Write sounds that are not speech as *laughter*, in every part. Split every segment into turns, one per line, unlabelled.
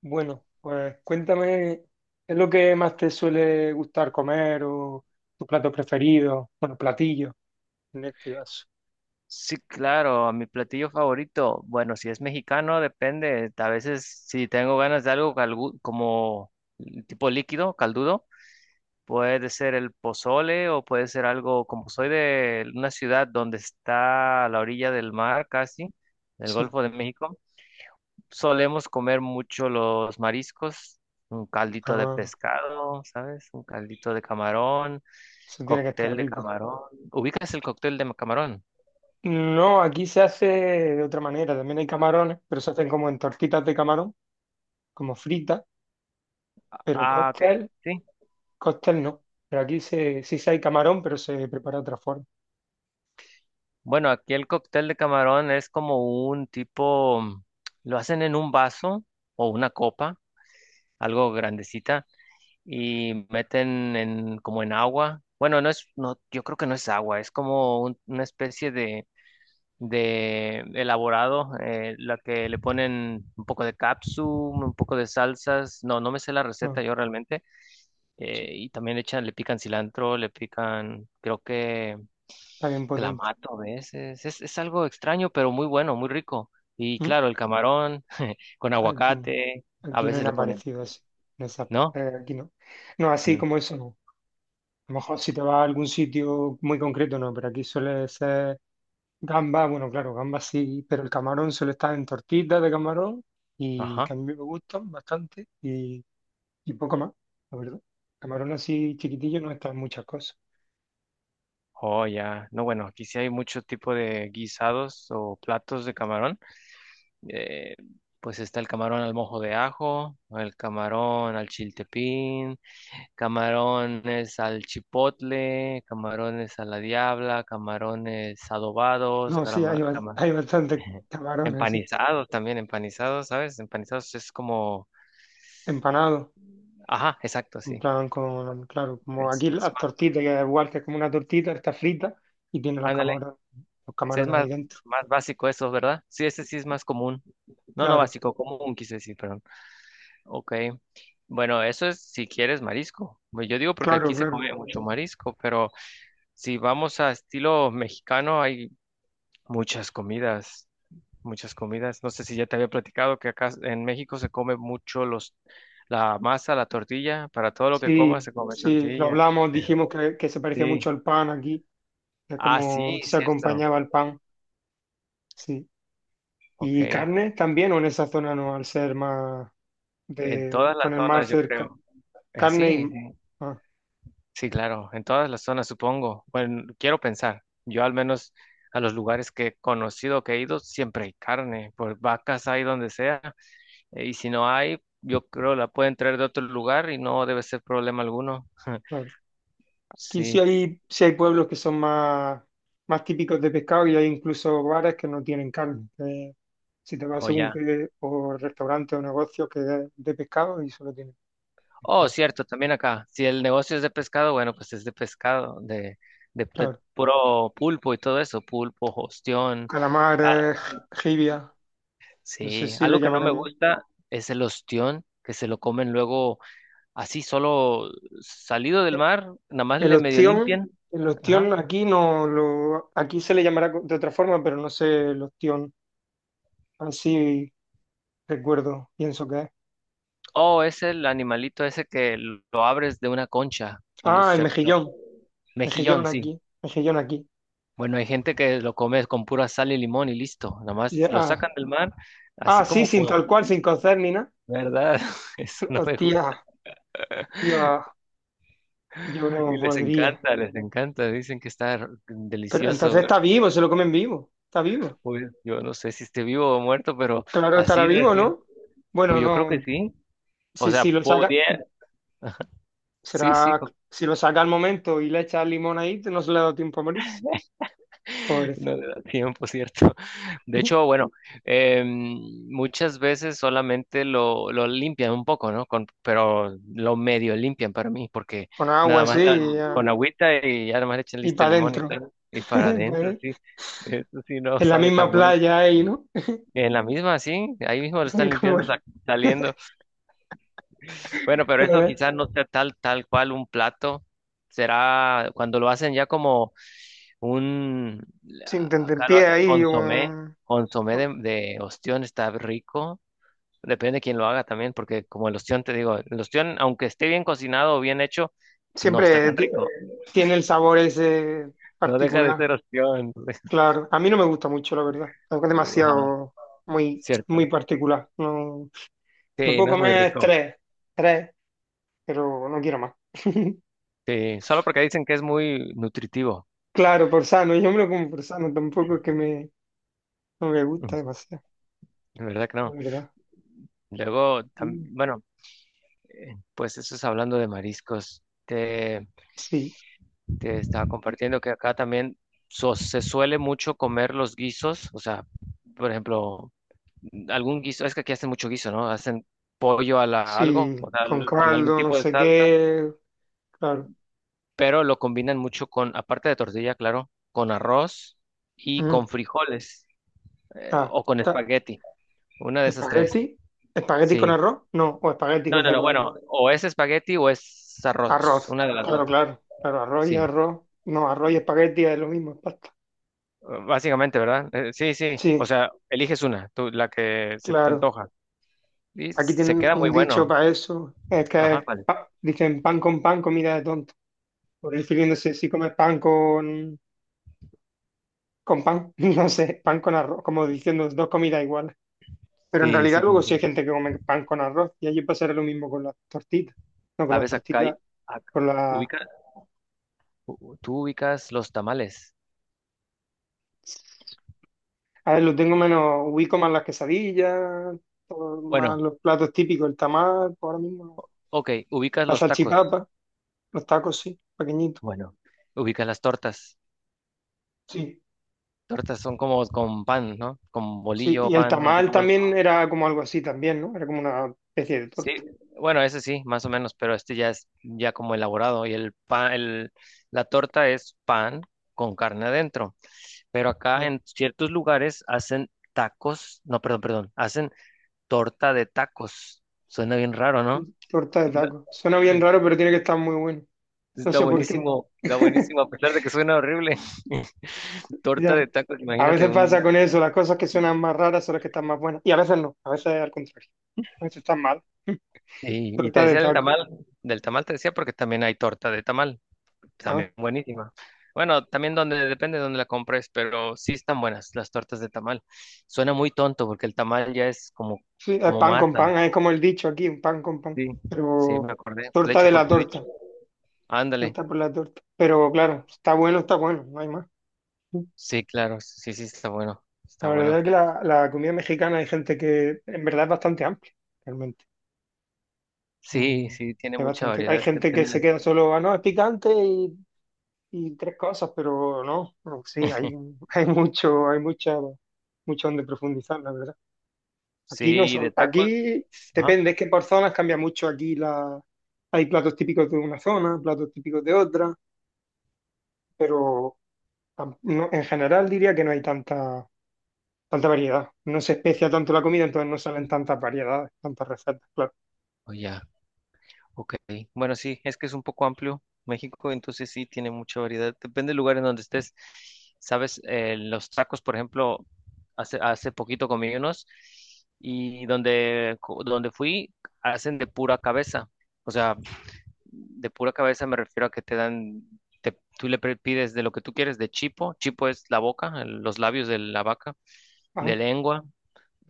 Bueno, pues cuéntame, ¿qué es lo que más te suele gustar comer o tus platos preferidos? Bueno, platillos, en este caso.
Sí, claro, mi platillo favorito. Bueno, si es mexicano, depende. A veces, si tengo ganas de algo como tipo líquido, caldudo, puede ser el pozole o puede ser algo, como soy de una ciudad donde está a la orilla del mar casi, del
Sí,
Golfo de México, solemos comer mucho los mariscos, un caldito de
ah,
pescado, ¿sabes? Un caldito de camarón,
eso tiene que
cóctel
estar
de
rico.
camarón. ¿Ubicas el cóctel de camarón?
No, aquí se hace de otra manera, también hay camarones, pero se hacen como en tortitas de camarón, como fritas, pero
Ah, ok.
cóctel,
Sí.
cóctel no. Pero aquí sí se hay camarón, pero se prepara de otra forma.
Bueno, aquí el cóctel de camarón es como un tipo, lo hacen en un vaso o una copa, algo grandecita, y meten en, como en agua. Bueno, no, yo creo que no es agua, es como una especie de elaborado, la que le ponen un poco de un poco de salsas. No me sé la
Ah,
receta yo realmente.
sí,
Eh, y también le echan, le pican cilantro, le pican, creo que
está bien potente.
clamato a veces. Es algo extraño, pero muy bueno, muy rico. Y
¿Mm?
claro, el camarón con
Aquí no,
aguacate, a
aquí no hay
veces le
nada
ponen,
parecido así.
¿no?
Aquí no. No, así
Mm.
como eso, no. A lo mejor si te vas a algún sitio muy concreto, no, pero aquí suele ser gamba, bueno, claro, gamba sí, pero el camarón suele estar en tortitas de camarón y
Ajá.
que a mí me gustan bastante y poco más, la verdad. Camarón así chiquitillo no está en muchas cosas.
Oh, ya. No, bueno, aquí sí hay mucho tipo de guisados o platos de camarón. Eh, pues está el camarón al mojo de ajo, el camarón al chiltepín. Camarones al chipotle, camarones a la diabla, camarones adobados,
No, sí, hay, hay bastantes
*laughs*
camarones, sí.
empanizados también, ¿sabes? Empanizados es como,
Empanados,
ajá, exacto,
en
sí,
plan con, claro, como aquí
es
las
más,
tortitas, que es igual que es como una tortita, está frita y tiene
ándale,
los
sí, es
camarones ahí
más,
dentro.
más básico eso, ¿verdad? Sí, ese sí es más común, no, no
Claro,
básico, común quise decir, perdón. Ok, bueno, eso es si quieres marisco. Pues yo digo porque
claro,
aquí se
claro.
come mucho marisco, pero si vamos a estilo mexicano hay muchas comidas. Muchas comidas. No sé si ya te había platicado que acá en México se come la masa, la tortilla. Para todo lo que comas
Sí,
se come
sí, lo
tortilla.
hablamos, dijimos que se parecía
Sí.
mucho al pan aquí, que
Ah,
como
sí,
se
cierto.
acompañaba el pan, sí. ¿Y
Ok.
carne también o en esa zona no, al ser más
En
de,
todas
con
las
el mar
zonas, yo
cerca?
creo.
Carne y...
Sí,
Ah,
sí, claro. En todas las zonas, supongo. Bueno, quiero pensar. Yo al menos a los lugares que he conocido, que he ido, siempre hay carne. Pues vacas hay donde sea. Y si no hay, yo creo la pueden traer de otro lugar y no debe ser problema alguno. *laughs*
claro. Aquí
Sí.
sí hay pueblos que son más, más típicos de pescado y hay incluso bares que no tienen carne, que si te vas
O
según
ya.
qué, o restaurante o negocio que es de pescado y solo tienen
Oh,
pescado.
cierto, también acá. Si el negocio es de pescado, bueno, pues es de pescado, de
Claro.
puro pulpo y todo eso, pulpo, ostión. Ah,
Calamares, jibia, no sé
sí,
si le
algo que no me
llamaremos.
gusta es el ostión, que se lo comen luego así, solo salido del mar, nada más le medio limpian.
El
Ajá.
ostión aquí no lo, aquí se le llamará de otra forma, pero no sé el ostión. Así recuerdo, pienso que es.
Oh, es el animalito ese que lo abres de una concha. lo-
Ah, el
se- lo-
mejillón,
Mejillón,
mejillón
sí.
aquí, mejillón aquí.
Bueno, hay gente que lo come con pura sal y limón y listo. Nada más
Ya,
lo
ah,
sacan del mar, así
ah, sí,
como
sin
con...
tal cual, sin cocer ni nada.
¿Verdad? *laughs* Eso
*laughs*
no me
Hostia,
gusta.
hostia, yo
Y
no
les
podría.
encanta, les encanta. Dicen que está
Pero entonces
delicioso.
está
¿Verdad?
vivo, se lo comen vivo, está vivo.
Pues yo no sé si esté vivo o muerto, pero
Claro, estará
así
vivo,
recién.
¿no? Bueno,
Pues yo creo que
no,
sí. O sea,
si lo saca,
podría... Sí, sí,
será, si lo saca al momento y le echa limón ahí, no se le ha dado tiempo a morirse. Pobrecito.
No le da tiempo, ¿cierto? *laughs* De hecho, bueno, muchas veces solamente lo limpian un poco, ¿no? Con, pero lo medio limpian para mí, porque
Con agua
nada
así
más la-
y,
con agüita y ya nada más le echan
y
listo
para
el limón y
adentro.
tal, y para
*laughs*
adentro,
Pues,
sí. Eso sí no
en la
sabe
misma
tan bueno.
playa ahí, ¿no?
En la misma, sí, ahí mismo lo están
*laughs* Como,
limpiando, saliendo. Bueno, pero eso
¿verdad?
quizás no sea tal cual un plato. Será cuando lo hacen ya como un,
Sin
acá lo
tentempié
hacen
ahí,
consomé,
un...
consomé de ostión, está rico. Depende de quién lo haga también, porque como el ostión, te digo, el ostión, aunque esté bien cocinado o bien hecho, no está
siempre
tan
ti-
rico.
Tiene el sabor ese
No deja de
particular.
ser ostión.
Claro, a mí no me gusta mucho, la verdad. Es
*laughs* Ajá,
demasiado, muy,
cierto.
muy particular. No, me
Sí,
puedo
no es muy
comer
rico.
tres, tres, pero no quiero más. *laughs*
Sí, solo porque dicen que es muy nutritivo.
Claro, por sano, yo me lo como por sano, tampoco es que me, no me
Mm.
gusta demasiado,
De verdad que
la
no.
verdad.
Luego,
Mm.
bueno, pues eso es hablando de mariscos.
Sí.
Te estaba compartiendo que acá también se suele mucho comer los guisos, o sea, por ejemplo, algún guiso, es que aquí hacen mucho guiso, ¿no? Hacen pollo a la algo,
Sí,
o sea,
con
con algún
caldo, no
tipo de
sé
salsa,
qué, claro.
pero lo combinan mucho con, aparte de tortilla, claro, con arroz y
Mm.
con frijoles,
Ah,
o con
ta-
espagueti, una de esas tres,
espagueti, espagueti con
sí.
arroz, no, o espagueti
No,
con
no, no,
frijoles.
bueno, o es espagueti o es arroz,
Arroz,
una de las dos,
claro, claro, claro, arroz y
sí.
arroz, no, arroz y espagueti es lo mismo, es pasta.
Básicamente, ¿verdad? Sí. O
Sí,
sea, eliges una, tú, la que se te
claro.
antoja. Y
Aquí
se
tienen
queda muy
un dicho
bueno.
para eso, es que
Ajá,
es
vale.
dicen pan con pan, comida de tonto. Por refiriéndose si comes pan con pan, *laughs* no sé, pan con arroz, como diciendo dos comidas iguales. Pero en
Sí,
realidad
sí, te
luego sí hay
entiendo.
gente que come pan con arroz y allí pasará lo mismo con las tortitas. No, con las
Sabes, acá,
tortitas,
ac-
con las...
ubica, tú ubicas los tamales.
A ver, lo tengo menos, ubico más las quesadillas, todo más
Bueno,
los platos típicos, el tamal, pues ahora mismo, no.
ok, ubicas
La
los tacos.
salchipapa, los tacos, sí, pequeñitos.
Bueno, ubicas las tortas.
Sí,
Tortas son como con pan, ¿no? Con
sí,
bolillo,
y el
pan, no sé
tamal
cómo lo...
también era como algo así también, ¿no? Era como una especie de
Sí,
torta.
bueno, ese sí, más o menos, pero este ya es ya como elaborado y el pan, la torta es pan con carne adentro. Pero acá
Ah,
en ciertos lugares hacen tacos, no, perdón, hacen torta de tacos. Suena bien raro, ¿no?
torta de
Una-
taco. Suena bien raro, pero tiene que estar muy bueno. No sé por qué.
Está buenísimo,
*laughs*
a pesar de que suena horrible. *laughs* Torta de
Ya.
tacos,
A
imagínate
veces
un...
pasa con eso, las cosas que suenan más raras son las que están más buenas. Y a veces no, a veces al contrario. A veces están mal. *laughs* Tú
Y, y te
estás de
decía
taco.
del tamal te decía porque también hay torta de tamal,
Ah,
también buenísima. Bueno, también donde, depende de dónde la compres, pero sí están buenas las tortas de tamal. Suena muy tonto porque el tamal ya es como,
sí, es
como
pan con
masa.
pan, es como el dicho aquí, un pan con pan.
Sí, sí,
Pero
me acordé. De
torta
hecho,
de
por
la
tu dicho.
torta,
Ándale.
torta por la torta. Pero claro, está bueno, no hay más.
Sí, claro, sí, sí, está bueno,
La
está
verdad
bueno.
es que la comida mexicana hay gente que en verdad es bastante amplia, realmente.
Sí,
Mm,
sí, tiene
es
mucha
bastante, hay
variedad.
gente que
Depende.
se
De-
queda solo, ah, no, es picante y tres cosas, pero no, no, sí, hay, *laughs* hay mucho, hay mucha, mucho donde profundizar, la verdad. Aquí no
Sí, de
son,
tacos.
aquí
Ajá.
depende, es que por zonas cambia mucho. Aquí la, hay platos típicos de una zona, platos típicos de otra, pero en general diría que no hay tanta, tanta variedad. No se especia tanto la comida, entonces no salen tantas variedades, tantas recetas, claro.
O ya, ok. Bueno, sí, es que es un poco amplio México, entonces sí, tiene mucha variedad. Depende del lugar en donde estés. Sabes, los tacos, por ejemplo, hace poquito comí unos y donde, donde fui, hacen de pura cabeza. O sea, de pura cabeza me refiero a que te dan, tú le pides de lo que tú quieres, de chipo. Chipo es la boca, los labios de la vaca,
Ah,
de lengua.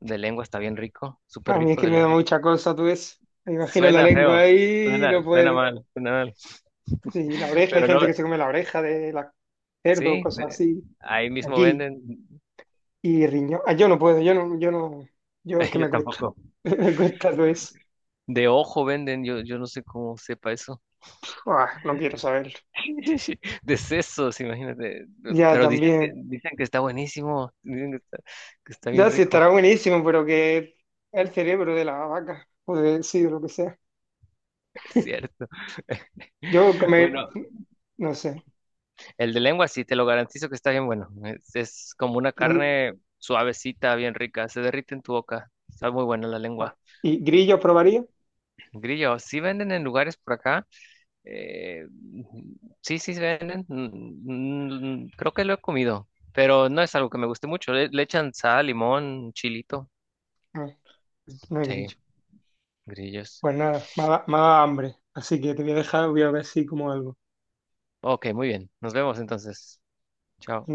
De lengua está bien rico,
a
súper
mí es
rico
que
de
me da
lengua.
mucha cosa, tú ves. Me imagino la
Suena
lengua
feo,
ahí,
suena,
no
suena
puedo.
mal, suena mal.
Y la oreja, hay
Pero no,
gente que se come la oreja de la cerdo,
sí,
cosas
de-
así.
ahí mismo
Aquí,
venden.
y riñón. Ah, yo no puedo, yo no, yo no, yo es
*laughs*
que
Yo
me cuesta.
tampoco.
*laughs* Me cuesta todo eso.
De ojo venden, yo no sé cómo sepa eso.
Ah, no quiero saberlo.
*laughs* De sesos, imagínate.
Ya
Pero
también.
dicen que está buenísimo, dicen que está bien
Ya sí
rico,
estará buenísimo, pero que es el cerebro de la vaca, o de sí, de lo que sea.
*laughs* es cierto.
Yo
*laughs*
comer,
Bueno,
no sé.
el de lengua sí, te lo garantizo que está bien bueno. Es como una
Pero-
carne suavecita, bien rica, se derrite en tu boca. Está muy buena la
ah,
lengua.
¿y grillo probaría?
Grillo, sí venden en lugares por acá. eh, sí, sí se venden. Creo que lo he comido, pero no es algo que me guste mucho. Le echan sal, limón, chilito.
No, no hay
Sí,
grillo.
grillos.
Pues nada, me ha dado hambre. Así que te voy a dejar, voy a ver si como algo.
Ok, muy bien. Nos vemos entonces. Chao.